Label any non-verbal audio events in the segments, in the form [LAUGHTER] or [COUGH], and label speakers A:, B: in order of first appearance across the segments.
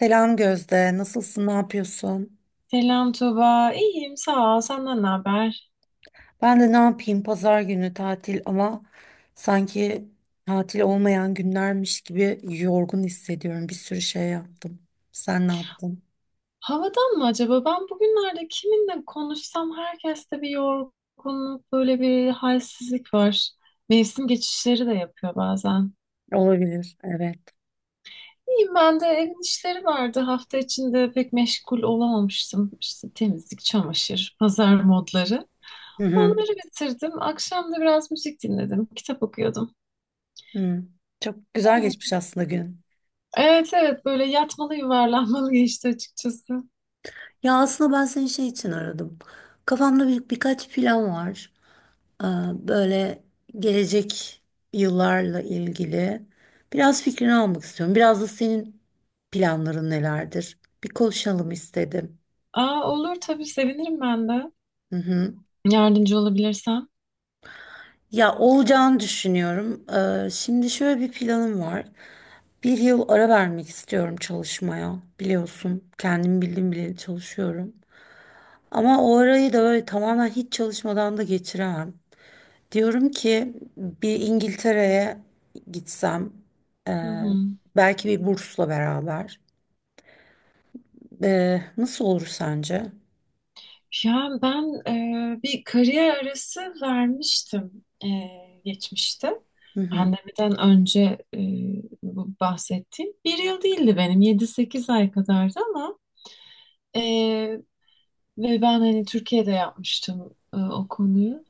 A: Selam Gözde, nasılsın, ne yapıyorsun?
B: Selam Tuba. İyiyim sağ ol. Senden ne haber?
A: Ben de ne yapayım, pazar günü tatil ama sanki tatil olmayan günlermiş gibi yorgun hissediyorum. Bir sürü şey yaptım. Sen ne yaptın?
B: Havadan mı acaba? Ben bugünlerde kiminle konuşsam herkeste bir yorgunluk, böyle bir halsizlik var. Mevsim geçişleri de yapıyor bazen.
A: Olabilir, evet.
B: İyiyim ben de evin işleri vardı. Hafta içinde pek meşgul olamamıştım. İşte temizlik, çamaşır, pazar modları.
A: Hı hı.
B: Onları bitirdim. Akşam da biraz müzik dinledim. Kitap okuyordum.
A: Hı. Çok güzel geçmiş aslında gün.
B: Evet evet böyle yatmalı yuvarlanmalı geçti açıkçası.
A: Ya aslında ben seni şey için aradım. Kafamda birkaç plan var. Böyle gelecek yıllarla ilgili biraz fikrini almak istiyorum. Biraz da senin planların nelerdir? Bir konuşalım istedim.
B: Aa olur tabii sevinirim ben de.
A: Hı hı.
B: Yardımcı olabilirsem.
A: Ya olacağını düşünüyorum. Şimdi şöyle bir planım var. Bir yıl ara vermek istiyorum çalışmaya. Biliyorsun, kendim bildim bileli çalışıyorum. Ama o arayı da böyle tamamen hiç çalışmadan da geçiremem. Diyorum ki bir İngiltere'ye gitsem, e,
B: Hı hı.
A: belki bir bursla beraber. Nasıl olur sence?
B: Ya ben bir kariyer arası vermiştim, geçmişte. Pandemiden önce e, bu bahsettiğim bir yıl değildi benim. Yedi sekiz ay kadardı ama e, ve ben hani Türkiye'de yapmıştım o konuyu.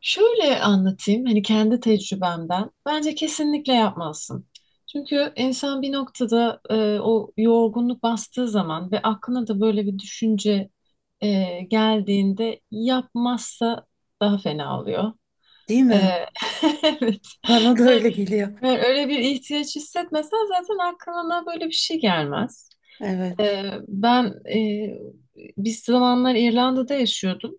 B: Şöyle anlatayım hani kendi tecrübemden. Bence kesinlikle yapmazsın. Çünkü insan bir noktada, o yorgunluk bastığı zaman ve aklına da böyle bir düşünce geldiğinde yapmazsa daha fena oluyor.
A: Değil
B: E, [LAUGHS]
A: mi?
B: evet.
A: Bana da öyle geliyor.
B: Yani, öyle bir ihtiyaç hissetmesen zaten aklına böyle bir şey gelmez.
A: Evet.
B: Ben e, bir zamanlar İrlanda'da yaşıyordum.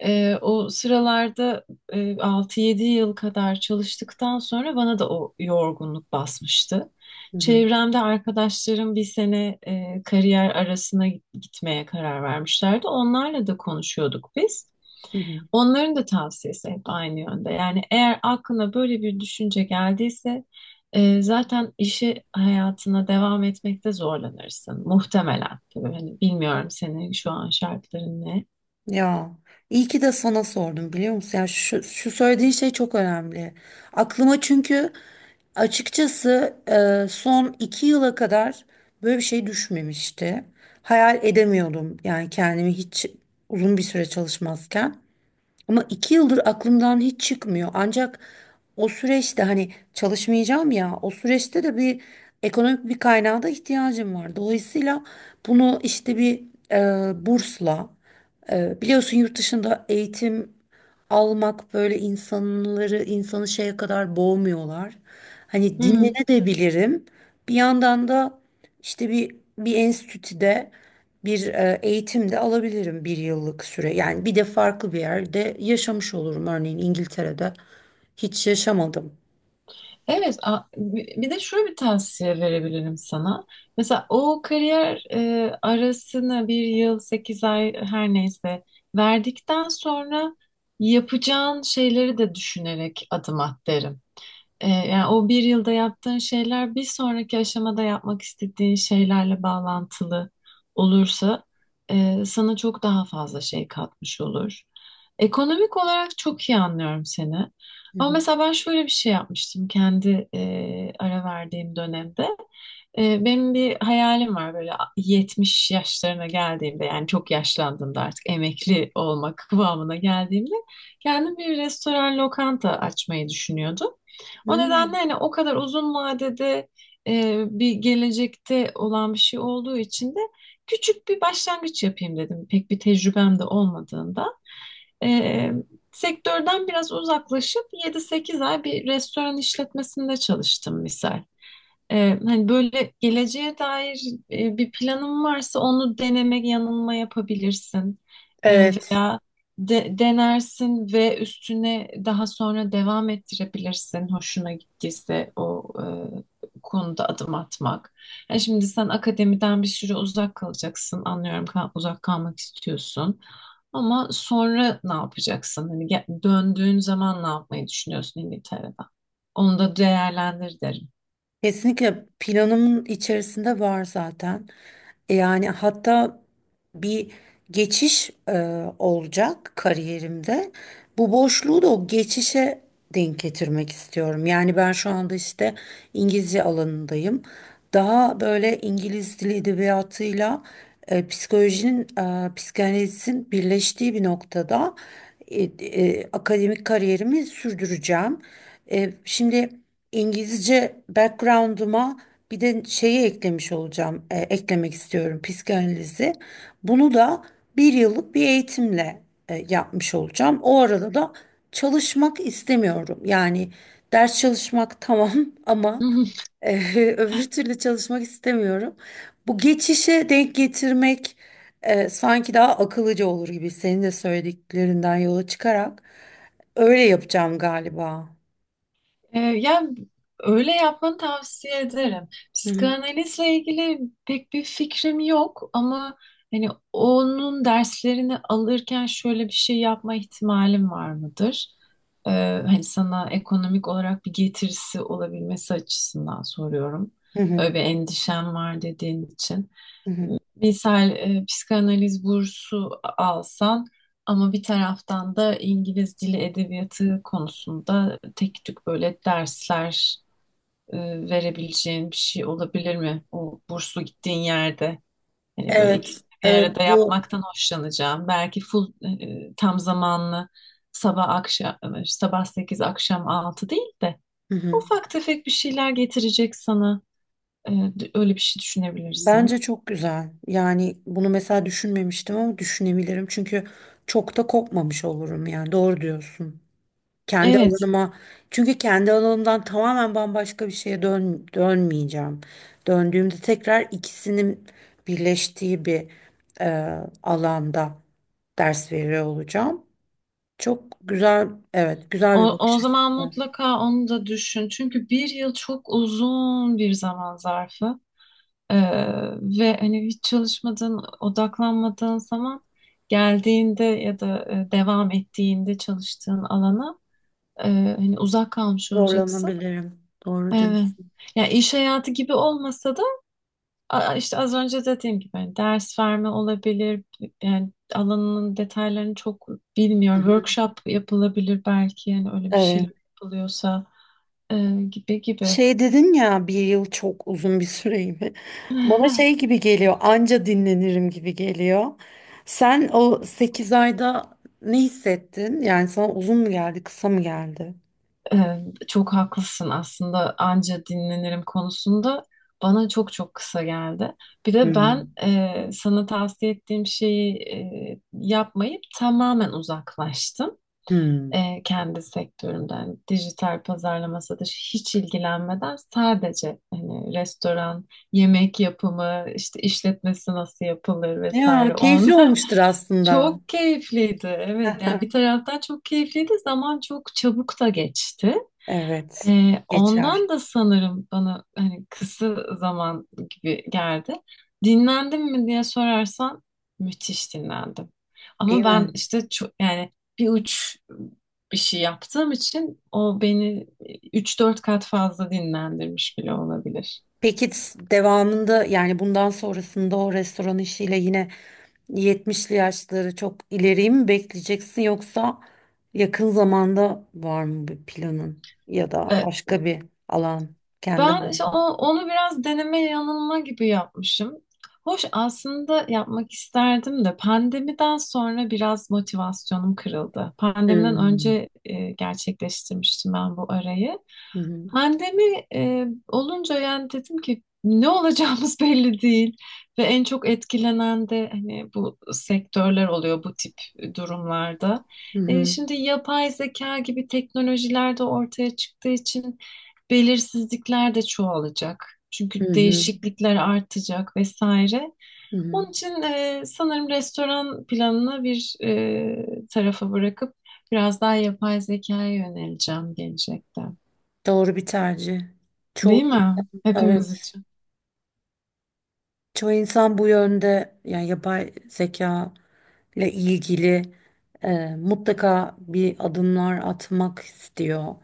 B: O sıralarda, 6-7 yıl kadar çalıştıktan sonra bana da o yorgunluk basmıştı.
A: Hı hı,
B: Çevremde arkadaşlarım bir sene kariyer arasına gitmeye karar vermişlerdi. Onlarla da konuşuyorduk biz.
A: hı hı.
B: Onların da tavsiyesi hep aynı yönde. Yani eğer aklına böyle bir düşünce geldiyse zaten işi hayatına devam etmekte zorlanırsın. Muhtemelen. Tabii hani bilmiyorum senin şu an şartların ne.
A: Ya iyi ki de sana sordum biliyor musun? Yani şu söylediğin şey çok önemli. Aklıma çünkü açıkçası son 2 yıla kadar böyle bir şey düşmemişti. Hayal edemiyordum yani kendimi hiç uzun bir süre çalışmazken. Ama 2 yıldır aklımdan hiç çıkmıyor. Ancak o süreçte hani çalışmayacağım ya, o süreçte de bir ekonomik bir kaynağa da ihtiyacım var. Dolayısıyla bunu işte bir bursla, biliyorsun yurt dışında eğitim almak böyle insanı şeye kadar boğmuyorlar. Hani
B: Hı hı.
A: dinlenebilirim. Bir yandan da işte bir enstitüde bir eğitim de alabilirim bir yıllık süre. Yani bir de farklı bir yerde yaşamış olurum. Örneğin İngiltere'de hiç yaşamadım.
B: Evet, bir de şöyle bir tavsiye verebilirim sana. Mesela o kariyer arasını bir yıl, sekiz ay her neyse verdikten sonra yapacağın şeyleri de düşünerek adım at derim. Yani o bir yılda yaptığın şeyler bir sonraki aşamada yapmak istediğin şeylerle bağlantılı olursa sana çok daha fazla şey katmış olur. Ekonomik olarak çok iyi anlıyorum seni.
A: Hı
B: Ama
A: hı.
B: mesela ben şöyle bir şey yapmıştım kendi ara verdiğim dönemde. Benim bir hayalim var, böyle 70 yaşlarına geldiğimde, yani çok yaşlandığımda, artık emekli olmak [LAUGHS] kıvamına geldiğimde kendim bir restoran lokanta açmayı düşünüyordum. O
A: Hmm.
B: nedenle hani o kadar uzun vadede, bir gelecekte olan bir şey olduğu için de küçük bir başlangıç yapayım dedim. Pek bir tecrübem de olmadığında. E, sektörden biraz uzaklaşıp 7-8 ay bir restoran işletmesinde çalıştım misal. Hani böyle geleceğe dair bir planın varsa onu deneme yanılma yapabilirsin.
A: Evet.
B: Veya denersin ve üstüne daha sonra devam ettirebilirsin hoşuna gittiyse o konuda adım atmak. Yani şimdi sen akademiden bir süre uzak kalacaksın. Anlıyorum, uzak kalmak istiyorsun. Ama sonra ne yapacaksın? Hani döndüğün zaman ne yapmayı düşünüyorsun İngiltere'den? Onu da değerlendir derim.
A: Kesinlikle planımın içerisinde var zaten. Yani hatta bir geçiş olacak kariyerimde. Bu boşluğu da o geçişe denk getirmek istiyorum. Yani ben şu anda işte İngilizce alanındayım. Daha böyle İngiliz dili edebiyatıyla, psikolojinin, psikanalizin birleştiği bir noktada akademik kariyerimi sürdüreceğim. Şimdi. İngilizce background'uma bir de şeyi eklemiş olacağım, eklemek istiyorum psikanalizi. Bunu da bir yıllık bir eğitimle yapmış olacağım. O arada da çalışmak istemiyorum. Yani ders çalışmak tamam, [LAUGHS] ama
B: [LAUGHS] Hı.
A: e, öbür türlü çalışmak istemiyorum. Bu geçişe denk getirmek sanki daha akıllıca olur gibi, senin de söylediklerinden yola çıkarak öyle yapacağım galiba.
B: Yani öyle yapmanı tavsiye ederim.
A: Hı hı.
B: Psikanalizle ilgili pek bir fikrim yok ama hani onun derslerini alırken şöyle bir şey yapma ihtimalim var mıdır? Ee, hani sana ekonomik olarak bir getirisi olabilmesi açısından soruyorum.
A: Hı hı.
B: Öyle bir endişem var dediğin için.
A: Hı hı.
B: Misal, psikanaliz bursu alsan ama bir taraftan da İngiliz dili edebiyatı konusunda tek tük böyle dersler e, verebileceğin bir şey olabilir mi? O burslu gittiğin yerde hani böyle
A: Evet,
B: ikisini bir arada
A: evet bu.
B: yapmaktan hoşlanacağım. Belki full, tam zamanlı, sabah akşam, sabah 8 akşam 6 değil de
A: Hı hı.
B: ufak tefek bir şeyler getirecek sana. Öyle bir şey
A: Bence
B: düşünebilirsin.
A: çok güzel. Yani bunu mesela düşünmemiştim ama düşünebilirim. Çünkü çok da kopmamış olurum yani. Doğru diyorsun. Kendi
B: Evet.
A: alanıma, çünkü kendi alanımdan tamamen bambaşka bir şeye dönmeyeceğim. Döndüğümde tekrar ikisinin birleştiği bir e, alanda ders veriyor olacağım. Çok güzel, evet, güzel bir
B: O, o
A: bakış
B: zaman
A: açısı.
B: mutlaka onu da düşün. Çünkü bir yıl çok uzun bir zaman zarfı. Ee, ve hani hiç çalışmadığın, odaklanmadığın zaman geldiğinde ya da, devam ettiğinde çalıştığın alana, e, hani uzak kalmış olacaksın.
A: Zorlanabilirim. Doğru
B: Evet.
A: diyorsun.
B: Ya iş hayatı gibi olmasa. İşte az önce dediğim gibi hani ders verme olabilir. Yani alanının detaylarını çok
A: Hı
B: bilmiyorum.
A: hı.
B: Workshop yapılabilir belki, yani öyle bir şeyler
A: Evet.
B: yapılıyorsa. Gibi gibi.
A: Şey dedin ya, bir yıl çok uzun bir süreyim. Bana şey
B: [LAUGHS]
A: gibi geliyor, anca dinlenirim gibi geliyor. Sen o 8 ayda ne hissettin? Yani sana uzun mu geldi, kısa mı geldi?
B: Çok haklısın aslında anca dinlenirim konusunda. Bana çok çok kısa geldi. Bir de ben,
A: Hmm.
B: sana tavsiye ettiğim şeyi yapmayıp tamamen uzaklaştım.
A: Hmm.
B: Kendi sektörümden, dijital pazarlama satışı hiç ilgilenmeden, sadece hani restoran, yemek yapımı, işte işletmesi nasıl yapılır
A: Ya
B: vesaire
A: keyifli
B: onlar
A: olmuştur
B: [LAUGHS]
A: aslında.
B: çok keyifliydi. Evet yani bir
A: [LAUGHS]
B: taraftan çok keyifliydi, zaman çok çabuk da geçti.
A: Evet,
B: Ondan
A: geçer
B: da sanırım bana hani kısa zaman gibi geldi. Dinlendim mi diye sorarsan, müthiş dinlendim.
A: değil
B: Ama ben
A: mi?
B: işte çok, yani bir uç bir şey yaptığım için o beni üç dört kat fazla dinlendirmiş bile olabilir.
A: Peki devamında, yani bundan sonrasında o restoran işiyle yine 70'li yaşları çok ileriyi mi bekleyeceksin, yoksa yakın zamanda var mı bir planın ya da
B: Ee,
A: başka bir alan, kendi
B: Ben işte
A: alanın?
B: onu biraz deneme yanılma gibi yapmışım. Hoş aslında yapmak isterdim de pandemiden sonra biraz motivasyonum kırıldı. Pandemiden
A: Hmm.
B: önce gerçekleştirmiştim ben bu arayı.
A: Hı hı.
B: Pandemi olunca yani dedim ki ne olacağımız [LAUGHS] belli değil ve en çok etkilenen de hani bu sektörler oluyor bu tip durumlarda.
A: Hı hı.
B: Şimdi yapay zeka gibi teknolojiler de ortaya çıktığı için belirsizlikler de çoğalacak.
A: Hı
B: Çünkü
A: hı.
B: değişiklikler artacak vesaire.
A: Hı hı.
B: Onun için, sanırım restoran planını bir tarafa bırakıp biraz daha yapay zekaya yöneleceğim gelecekte.
A: Doğru bir tercih. Çoğu,
B: Değil mi? Hepimiz
A: evet.
B: için.
A: Çoğu insan bu yönde, yani yapay zeka ile ilgili mutlaka bir adımlar atmak istiyor.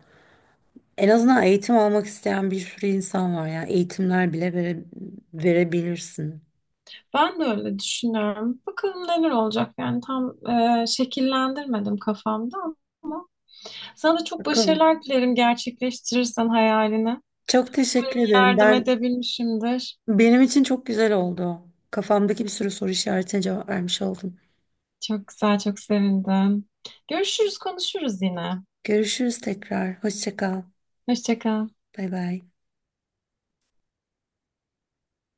A: En azından eğitim almak isteyen bir sürü insan var, yani eğitimler bile verebilirsin.
B: Ben de öyle düşünüyorum. Bakalım neler olacak, yani tam şekillendirmedim kafamda ama sana da çok
A: Bakalım.
B: başarılar dilerim gerçekleştirirsen hayalini.
A: Çok teşekkür ederim.
B: Yardım edebilmişimdir.
A: Benim için çok güzel oldu. Kafamdaki bir sürü soru işaretine cevap vermiş oldum.
B: Çok güzel, çok sevindim. Görüşürüz, konuşuruz yine.
A: Görüşürüz tekrar. Hoşça kal.
B: Hoşça kal.
A: Bay bay.